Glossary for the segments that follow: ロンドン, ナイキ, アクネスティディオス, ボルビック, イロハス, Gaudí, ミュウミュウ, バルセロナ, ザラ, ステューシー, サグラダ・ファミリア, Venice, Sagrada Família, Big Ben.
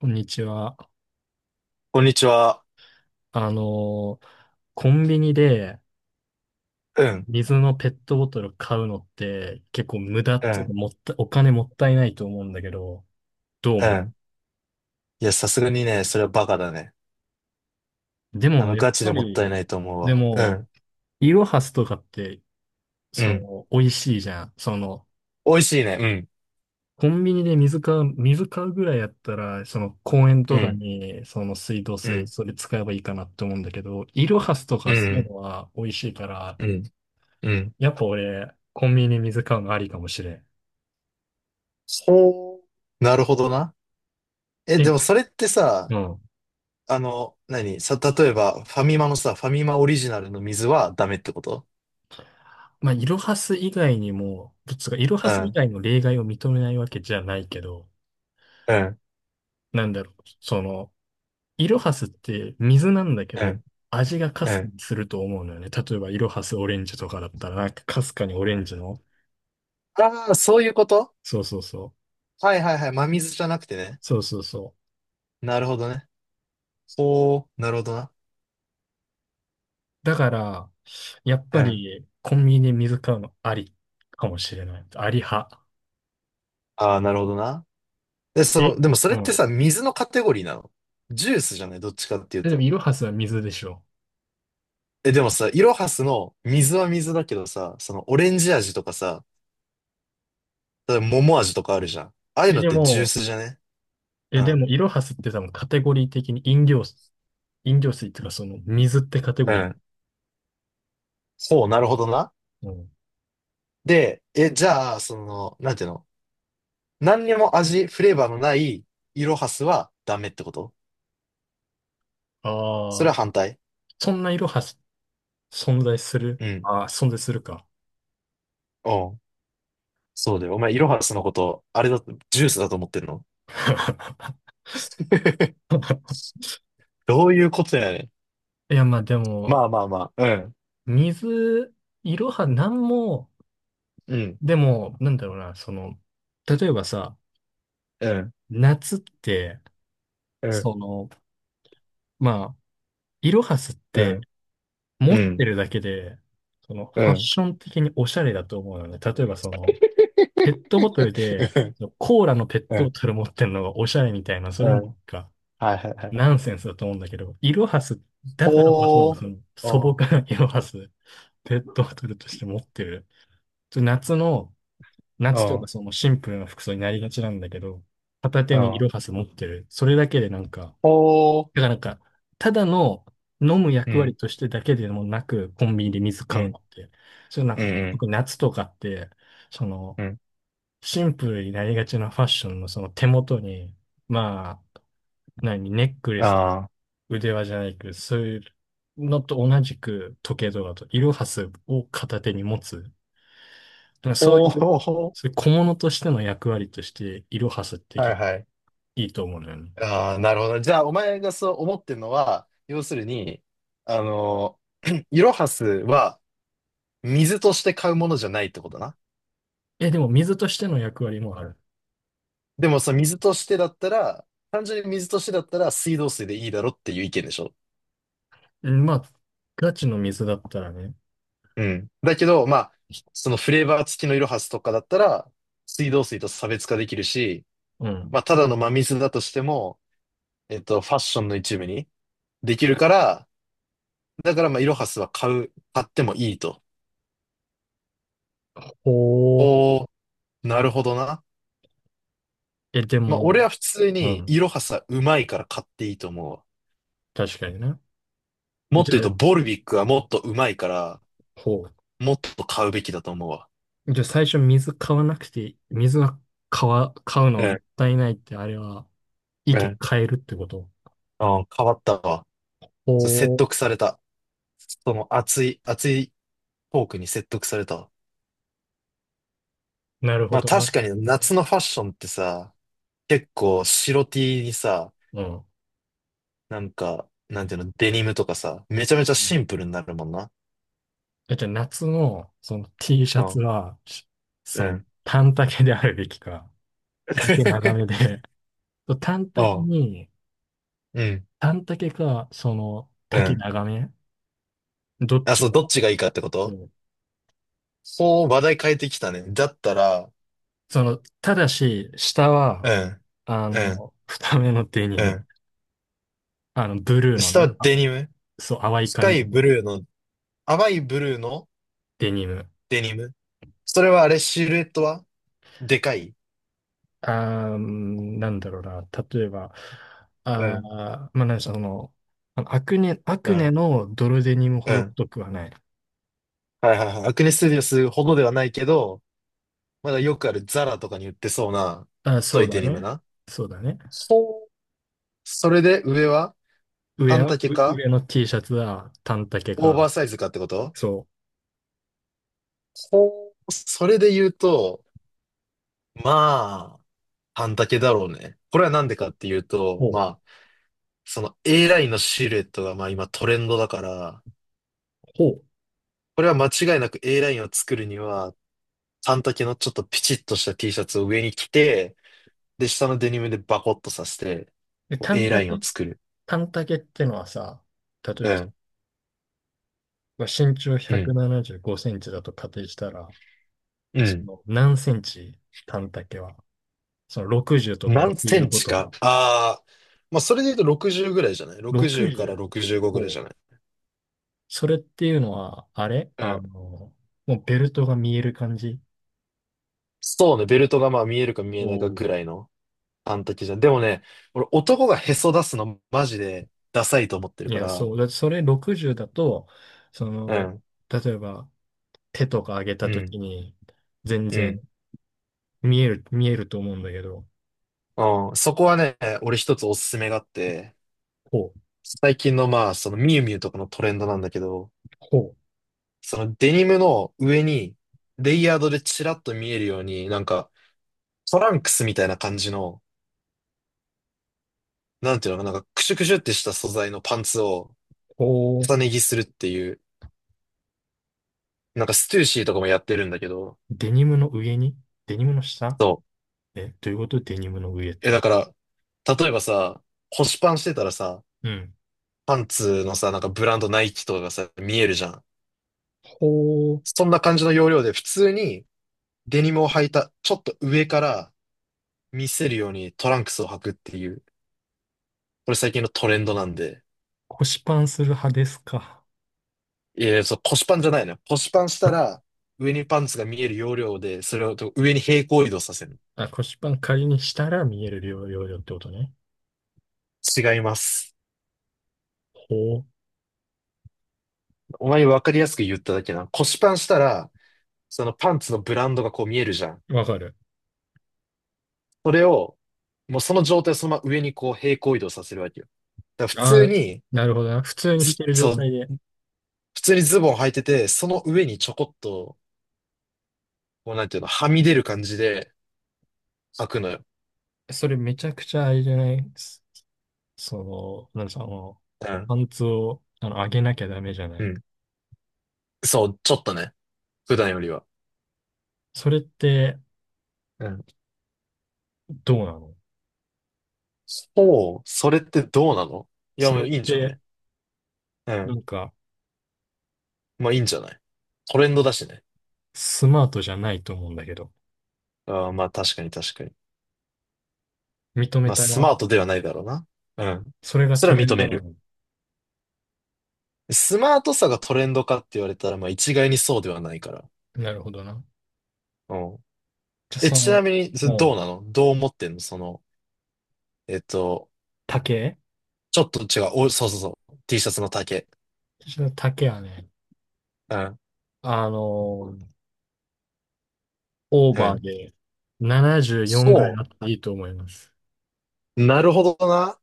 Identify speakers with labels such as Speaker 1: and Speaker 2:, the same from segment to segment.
Speaker 1: こんにちは。
Speaker 2: こんにちは。
Speaker 1: あのーコンビニで
Speaker 2: うん、
Speaker 1: 水のペットボトル買うのって結構無駄っ
Speaker 2: う
Speaker 1: ていうか
Speaker 2: ん、
Speaker 1: もったお金もったいないと思うんだけど、どう
Speaker 2: う
Speaker 1: 思う？
Speaker 2: ん。いや、さすがにね、それはバカだね。
Speaker 1: でもやっ
Speaker 2: ガチで
Speaker 1: ぱ
Speaker 2: もったい
Speaker 1: り、
Speaker 2: ないと思う
Speaker 1: で
Speaker 2: わ。う
Speaker 1: も、
Speaker 2: ん、
Speaker 1: イロハスとかって、
Speaker 2: うん。
Speaker 1: 美味しいじゃん。
Speaker 2: 美味しいね。
Speaker 1: コンビニで水買うぐらいやったら、その公園
Speaker 2: うん、
Speaker 1: と
Speaker 2: う
Speaker 1: か
Speaker 2: ん、
Speaker 1: に、その水道
Speaker 2: う
Speaker 1: 水、
Speaker 2: ん、
Speaker 1: それ使えばいいかなって思うんだけど、イロハスと
Speaker 2: う
Speaker 1: かそういう
Speaker 2: ん、
Speaker 1: のは美味しいから、
Speaker 2: うん、うん。
Speaker 1: やっぱ俺、コンビニで水買うのありかもしれん。
Speaker 2: ほう。なるほどな。え、
Speaker 1: え、
Speaker 2: でもそれって
Speaker 1: う
Speaker 2: さ、
Speaker 1: ん。
Speaker 2: 何さ、例えば、ファミマのさ、ファミマオリジナルの水はダメってこと？
Speaker 1: まあ、イロハス以外にも、つうか、イロハ
Speaker 2: う
Speaker 1: ス以
Speaker 2: ん、
Speaker 1: 外の例外を認めないわけじゃないけど、
Speaker 2: うん、
Speaker 1: なんだろう、イロハスって水なんだけ
Speaker 2: う
Speaker 1: ど、
Speaker 2: ん、
Speaker 1: 味がか
Speaker 2: う
Speaker 1: すか
Speaker 2: ん。
Speaker 1: にすると思うのよね。例えば、イロハスオレンジとかだったら、なんかかすかにオレンジの、
Speaker 2: ああ、そういうこと？
Speaker 1: そうそうそう、
Speaker 2: はいはいはい。真水じゃなくてね。
Speaker 1: そうそうそ
Speaker 2: なるほどね。ほう、なるほどな。
Speaker 1: う。だから、やっ
Speaker 2: う
Speaker 1: ぱ
Speaker 2: ん。
Speaker 1: り、コンビニで水買うのありかもしれない。あり派。
Speaker 2: ああ、なるほどな。で、そ
Speaker 1: え
Speaker 2: の、でもそ
Speaker 1: う
Speaker 2: れって
Speaker 1: ん。
Speaker 2: さ、水のカテゴリーなの？ジュースじゃないどっちかっていう
Speaker 1: でも、
Speaker 2: と。
Speaker 1: イロハスは水でしょ？
Speaker 2: え、でもさ、イロハスの水は水だけどさ、そのオレンジ味とかさ、例えば桃味とかあるじゃん。ああいう
Speaker 1: え、
Speaker 2: のっ
Speaker 1: で
Speaker 2: てジュー
Speaker 1: も、
Speaker 2: スじゃね？うん。
Speaker 1: イロハスって多分カテゴリー的に飲料水っていうか、水ってカテ
Speaker 2: う
Speaker 1: ゴリー。
Speaker 2: ん。そう、なるほどな。
Speaker 1: うん、
Speaker 2: で、え、じゃあ、その、なんていうの？何にも味、フレーバーのないイロハスはダメってこと？そ
Speaker 1: あ
Speaker 2: れ
Speaker 1: あ、
Speaker 2: は反対？
Speaker 1: そんな色はし存在する。
Speaker 2: うん。
Speaker 1: ああ、存在するか。
Speaker 2: おう。そうだよ。お前、イロハスのこと、あれだ、ジュースだと思ってんの？ どういうことやねん。
Speaker 1: いや、まあでも、
Speaker 2: まあまあまあ。うん。
Speaker 1: 水、いろはなんも、
Speaker 2: うん、
Speaker 1: でも、なんだろうな、例えばさ、
Speaker 2: うん、
Speaker 1: 夏って、
Speaker 2: うん、
Speaker 1: その、まあ、いろはすっ
Speaker 2: う
Speaker 1: て、
Speaker 2: ん、
Speaker 1: 持
Speaker 2: う
Speaker 1: って
Speaker 2: ん、
Speaker 1: るだけで、
Speaker 2: う
Speaker 1: ファッ
Speaker 2: ん、
Speaker 1: ション的におしゃれだと思うのね。例えば、ペットボトルで、そのコーラのペッ
Speaker 2: う
Speaker 1: トボ
Speaker 2: ん、
Speaker 1: トル持ってるのがおしゃれみたいな、そ
Speaker 2: う
Speaker 1: れもな
Speaker 2: ん、
Speaker 1: んか、
Speaker 2: はいはいはい。
Speaker 1: ナンセンスだと思うんだけど、イロハス、だからこ
Speaker 2: ほ
Speaker 1: そ、
Speaker 2: ー、
Speaker 1: その素
Speaker 2: お
Speaker 1: 朴
Speaker 2: ー、
Speaker 1: なイロハス、ペットボトルとして持ってる。ちょ夏の、
Speaker 2: お
Speaker 1: 夏とか
Speaker 2: ー、
Speaker 1: そのシンプルな服装になりがちなんだけど、片
Speaker 2: お
Speaker 1: 手にイロハ
Speaker 2: ー、
Speaker 1: ス持ってる。それだけでなんか、
Speaker 2: ほー、
Speaker 1: だからなんか、ただの飲む
Speaker 2: う
Speaker 1: 役割
Speaker 2: ん、
Speaker 1: としてだけでもなく、コンビニで水
Speaker 2: う
Speaker 1: 買うの
Speaker 2: ん、
Speaker 1: って、それなん
Speaker 2: うん、
Speaker 1: か、
Speaker 2: うん、
Speaker 1: 特に夏とかって、その、
Speaker 2: うん、
Speaker 1: シンプルになりがちなファッションのその手元に、まあ、何、ネックレスとか
Speaker 2: あー、
Speaker 1: 腕輪じゃないけど、そういうのと同じく時計とかと、イロハスを片手に持つ。なんか
Speaker 2: ほー、ほーほー。
Speaker 1: そういう小物としての役割として、イロハスって
Speaker 2: はいはい。
Speaker 1: いいと思うのよね。
Speaker 2: あー、なるほど。じゃあ、お前がそう思ってるのは、要するに、あのイロハスは水として買うものじゃないってことな。
Speaker 1: え、でも水としての役割もある。
Speaker 2: でも、その水としてだったら、単純に水としてだったら水道水でいいだろっていう意見でしょ？
Speaker 1: うん、まあ、ガチの水だったらね。
Speaker 2: うん。だけど、まあ、そのフレーバー付きのイロハスとかだったら、水道水と差別化できるし、
Speaker 1: う
Speaker 2: ま
Speaker 1: ん。
Speaker 2: あ、ただの真水だとしても、ファッションの一部にできるから、だから、まあ、イロハスは買ってもいいと。
Speaker 1: ほう。
Speaker 2: おー、なるほどな。
Speaker 1: え、で
Speaker 2: まあ、
Speaker 1: も、
Speaker 2: 俺は普通
Speaker 1: う
Speaker 2: に、イ
Speaker 1: ん。
Speaker 2: ロハスはうまいから買っていいと思うわ。
Speaker 1: 確かにな。
Speaker 2: もっと
Speaker 1: じゃ
Speaker 2: 言うと、
Speaker 1: あ、
Speaker 2: ボルビックはもっとうまいから、
Speaker 1: ほ
Speaker 2: もっと買うべきだと思うわ。
Speaker 1: う。じゃあ最初水買わなくて、水は買うのは
Speaker 2: う
Speaker 1: も
Speaker 2: ん、
Speaker 1: ったいないって、あれは、意
Speaker 2: う
Speaker 1: 見
Speaker 2: ん、
Speaker 1: 変えるってこと？
Speaker 2: うん、変わったわ。そう説
Speaker 1: ほう。
Speaker 2: 得された。その熱い、熱いトークに説得されたわ。
Speaker 1: なるほ
Speaker 2: まあ
Speaker 1: どな。
Speaker 2: 確かに夏のファッションってさ、結構白 T にさ、
Speaker 1: うん。
Speaker 2: なんか、なんていうの、デニムとかさ、めちゃめちゃ
Speaker 1: う
Speaker 2: シ
Speaker 1: ん、
Speaker 2: ンプルになるもんな。
Speaker 1: じゃあ夏のその T シ
Speaker 2: う
Speaker 1: ャツ
Speaker 2: ん。
Speaker 1: は、
Speaker 2: う
Speaker 1: その
Speaker 2: ん。
Speaker 1: 短丈であるべきか、丈長め で、短丈
Speaker 2: あ、
Speaker 1: に、
Speaker 2: うん。
Speaker 1: 短丈か、その
Speaker 2: う
Speaker 1: 丈
Speaker 2: ん。
Speaker 1: 長め、どっ
Speaker 2: あ、
Speaker 1: ち
Speaker 2: そう、
Speaker 1: が、
Speaker 2: どっちがいいかってこ
Speaker 1: そ
Speaker 2: と？
Speaker 1: う。
Speaker 2: ほう、話題変えてきたね。だったら、
Speaker 1: ただし、下
Speaker 2: う
Speaker 1: は、
Speaker 2: ん、うん、
Speaker 1: 二目のデニ
Speaker 2: う
Speaker 1: ム、
Speaker 2: ん。
Speaker 1: ブルーの
Speaker 2: 下
Speaker 1: ね、
Speaker 2: はデニム。
Speaker 1: そう、淡い
Speaker 2: スカ
Speaker 1: 感
Speaker 2: イ
Speaker 1: じの
Speaker 2: ブルーの、淡いブルーの
Speaker 1: デニム。
Speaker 2: デニム。それはあれ、シルエットはでかい？
Speaker 1: なんだろうな。例えば、
Speaker 2: うん、
Speaker 1: まあ、なんでしょう、あのアクネ、ア
Speaker 2: う
Speaker 1: クネ
Speaker 2: ん、
Speaker 1: のドルデニムほ
Speaker 2: う
Speaker 1: ど
Speaker 2: ん。
Speaker 1: 太くはない。
Speaker 2: はいはいはい。アクネスティディオスほどではないけど、まだよくあるザラとかに売ってそうな太
Speaker 1: そう
Speaker 2: いデ
Speaker 1: だ
Speaker 2: ニム
Speaker 1: ね。
Speaker 2: な。
Speaker 1: そうだね。
Speaker 2: ほう、それで上は
Speaker 1: 上
Speaker 2: 半
Speaker 1: は、う
Speaker 2: 丈か
Speaker 1: 上の T シャツは短丈
Speaker 2: オーバー
Speaker 1: か。
Speaker 2: サイズかってこと？
Speaker 1: そ
Speaker 2: ほう、それで言うと、まあ、半丈だろうね。これはなんでか
Speaker 1: う。
Speaker 2: っていうと、
Speaker 1: ほ
Speaker 2: ま
Speaker 1: う。
Speaker 2: あ、その A ラインのシルエットがまあ今トレンドだから、
Speaker 1: ほう。
Speaker 2: これは間違いなく A ラインを作るには、半丈のちょっとピチッとした T シャツを上に着て、で、下のデニムでバコッとさせて、
Speaker 1: で、
Speaker 2: こう A ラインを作る。
Speaker 1: 短丈ってのはさ、例え
Speaker 2: う
Speaker 1: ば、
Speaker 2: ん、
Speaker 1: まあ身長
Speaker 2: う
Speaker 1: 175
Speaker 2: ん、
Speaker 1: センチだと仮定したら、
Speaker 2: う
Speaker 1: そ
Speaker 2: ん。
Speaker 1: の何センチ、短丈は、その60とか
Speaker 2: 何セン
Speaker 1: 65
Speaker 2: チ
Speaker 1: と
Speaker 2: か。
Speaker 1: か、
Speaker 2: ああ、まあ、それで言うと60ぐらいじゃない？ 60 から65
Speaker 1: 60。
Speaker 2: ぐらいじゃない？
Speaker 1: それっていうのは、あれ
Speaker 2: う
Speaker 1: あの、
Speaker 2: ん。
Speaker 1: もうベルトが見える感じ。
Speaker 2: そうね、ベルトがまあ見えるか見
Speaker 1: お
Speaker 2: えないかぐ
Speaker 1: ー。
Speaker 2: らいの半丈じゃん。でもね、俺男がへそ出すのマジでダサいと思ってる
Speaker 1: い
Speaker 2: か
Speaker 1: や、
Speaker 2: ら。
Speaker 1: そう。だってそれ60だと、そ
Speaker 2: う
Speaker 1: の、
Speaker 2: ん、
Speaker 1: 例えば手とか上げた
Speaker 2: う
Speaker 1: と
Speaker 2: ん、
Speaker 1: きに、全
Speaker 2: う
Speaker 1: 然
Speaker 2: ん。
Speaker 1: 見えると思うんだけど、
Speaker 2: うん、そこはね、俺一つおすすめがあって、
Speaker 1: こう、
Speaker 2: 最近のまあ、そのミュウミュウとかのトレンドなんだけど、
Speaker 1: こ
Speaker 2: そのデニムの上に、レイヤードでチラッと見えるように、なんか、トランクスみたいな感じの、なんていうのかな、なんかクシュクシュってした素材のパンツを
Speaker 1: う、こう、
Speaker 2: 重ね着するっていう、なんかステューシーとかもやってるんだけど、
Speaker 1: デニムの上に、デニムの下、
Speaker 2: そ
Speaker 1: えどういうこと？デニムの上っ
Speaker 2: う。え、だ
Speaker 1: て。
Speaker 2: から、例えばさ、腰パンしてたらさ、
Speaker 1: うん。
Speaker 2: パンツのさ、なんかブランドナイキとかがさ、見えるじゃん。
Speaker 1: こう、
Speaker 2: そんな感じの要領で普通にデニムを履いた、ちょっと上から見せるようにトランクスを履くっていう、これ最近のトレンドなんで。
Speaker 1: 腰パンする派ですか？
Speaker 2: いや、そう、腰パンじゃないのよ。腰パンした ら、上にパンツが見える要領で、それを上に平行移動させる。
Speaker 1: あ、腰パン仮にしたら見えるよ量よってことね。
Speaker 2: 違います。
Speaker 1: ほ
Speaker 2: お前に分かりやすく言っただけな。腰パンしたら、そのパンツのブランドがこう見えるじゃん。
Speaker 1: う。わかる。
Speaker 2: それを、もうその状態をそのまま上にこう平行移動させるわけよ。だから普
Speaker 1: あ
Speaker 2: 通
Speaker 1: あ、
Speaker 2: に、
Speaker 1: なるほどな。普通にし
Speaker 2: ず、
Speaker 1: てる状
Speaker 2: そう、
Speaker 1: 態で。
Speaker 2: 普通にズボン履いてて、その上にちょこっと、こうなんていうの、はみ出る感じで履くのよ。
Speaker 1: それめちゃくちゃあれじゃない？なんですか、
Speaker 2: うん。
Speaker 1: パンツを、上げなきゃダメじゃな
Speaker 2: う
Speaker 1: い？
Speaker 2: ん。そう、ちょっとね。普段よりは。
Speaker 1: それって
Speaker 2: うん。
Speaker 1: どうなの？
Speaker 2: そう、それってどうなの？いや、
Speaker 1: そ
Speaker 2: も
Speaker 1: れ
Speaker 2: う
Speaker 1: っ
Speaker 2: いいんじゃな
Speaker 1: て、
Speaker 2: い？う
Speaker 1: な
Speaker 2: ん。
Speaker 1: んか、
Speaker 2: まあいいんじゃない？トレンドだしね。
Speaker 1: スマートじゃないと思うんだけど。
Speaker 2: ああ、まあ確かに確かに。
Speaker 1: 認め
Speaker 2: まあ、
Speaker 1: た
Speaker 2: ス
Speaker 1: な。
Speaker 2: マートではないだろうな。うん。
Speaker 1: それが
Speaker 2: それ
Speaker 1: ト
Speaker 2: は
Speaker 1: レ
Speaker 2: 認
Speaker 1: ン
Speaker 2: め
Speaker 1: ドな
Speaker 2: る。
Speaker 1: の？
Speaker 2: スマートさがトレンドかって言われたら、まあ、一概にそうではないから。
Speaker 1: なるほどな。
Speaker 2: うん。
Speaker 1: じゃあ、
Speaker 2: え、ちなみに、それどう
Speaker 1: もう、
Speaker 2: なの？どう思ってんの、その、えっと、
Speaker 1: 丈
Speaker 2: ちょっと違う。お、そうそうそう。T シャツの丈。
Speaker 1: 私の丈はね、
Speaker 2: うん。
Speaker 1: あの、オー
Speaker 2: う
Speaker 1: バー
Speaker 2: ん。
Speaker 1: で74ぐらい
Speaker 2: そ
Speaker 1: あっていいと思います。
Speaker 2: う。なるほどな。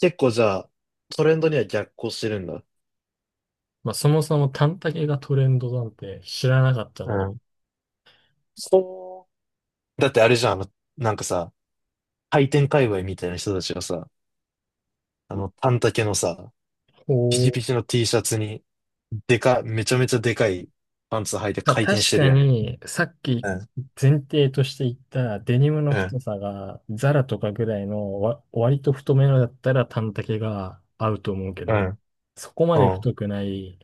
Speaker 2: 結構じゃあ、トレンドには逆行してるんだ。
Speaker 1: まあ、そもそも短丈がトレンドなんて知らなかった
Speaker 2: う
Speaker 1: ので。
Speaker 2: ん。そう。だってあれじゃん、なんかさ、回転界隈みたいな人たちがさ、短丈のさ、
Speaker 1: お
Speaker 2: ピチ
Speaker 1: ー。
Speaker 2: ピチの T シャツに、めちゃめちゃでかいパンツ履いて
Speaker 1: まあ、
Speaker 2: 回転し
Speaker 1: 確
Speaker 2: てる
Speaker 1: か
Speaker 2: やん。
Speaker 1: に、さっき
Speaker 2: うん、
Speaker 1: 前提として言ったデニムの
Speaker 2: うん、
Speaker 1: 太さがザラとかぐらいの割と太めのだったら短丈が合うと思うけ
Speaker 2: う
Speaker 1: ど、
Speaker 2: ん、
Speaker 1: そこま
Speaker 2: う
Speaker 1: で
Speaker 2: ん、
Speaker 1: 太くない、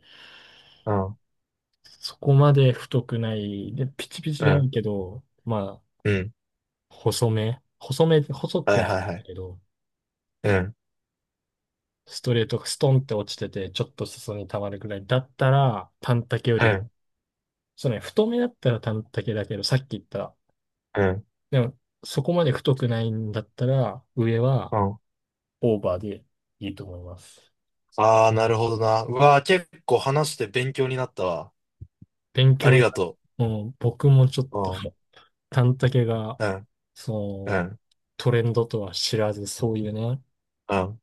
Speaker 2: うん、
Speaker 1: そこまで太くない、で、ピチピチ
Speaker 2: う
Speaker 1: じゃない
Speaker 2: ん、
Speaker 1: けど、まあ、
Speaker 2: うん。
Speaker 1: 細め、細
Speaker 2: は
Speaker 1: く
Speaker 2: い
Speaker 1: はな
Speaker 2: はいは
Speaker 1: い
Speaker 2: い。
Speaker 1: けど、
Speaker 2: うん、
Speaker 1: ストレートがストンって落ちてて、ちょっと裾に溜まるぐらいだったら、短丈よ
Speaker 2: う
Speaker 1: りも、
Speaker 2: ん、
Speaker 1: そうね、太めだったら短丈だけど、さっき言った、
Speaker 2: うん、
Speaker 1: でも、そこまで太くないんだったら、上は
Speaker 2: うん。
Speaker 1: オーバーでいいと思います。
Speaker 2: ああ、なるほどな。うわあ、結構話して勉強になったわ。
Speaker 1: 勉
Speaker 2: あ
Speaker 1: 強
Speaker 2: り
Speaker 1: に
Speaker 2: が
Speaker 1: なる、
Speaker 2: と
Speaker 1: もう僕もちょっと、
Speaker 2: う。うん、
Speaker 1: 短丈が、
Speaker 2: うん、
Speaker 1: そ
Speaker 2: う
Speaker 1: の、
Speaker 2: ん、
Speaker 1: トレンドとは知らず、そういうね、
Speaker 2: うん。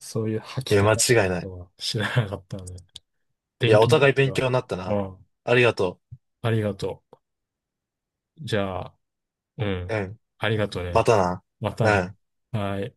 Speaker 1: そういう履
Speaker 2: い
Speaker 1: き
Speaker 2: や、間
Speaker 1: 方があ
Speaker 2: 違い
Speaker 1: る
Speaker 2: ない。
Speaker 1: とは知らなかったので、
Speaker 2: い
Speaker 1: 勉
Speaker 2: や、お
Speaker 1: 強にな
Speaker 2: 互
Speaker 1: っ
Speaker 2: い
Speaker 1: た。
Speaker 2: 勉強になった
Speaker 1: う
Speaker 2: な。
Speaker 1: ん、
Speaker 2: ありがと
Speaker 1: ありがとう。じゃあ、う
Speaker 2: う。
Speaker 1: ん、
Speaker 2: うん。
Speaker 1: ありがとう
Speaker 2: ま
Speaker 1: ね。
Speaker 2: たな。
Speaker 1: また
Speaker 2: う
Speaker 1: な。
Speaker 2: ん。
Speaker 1: はい。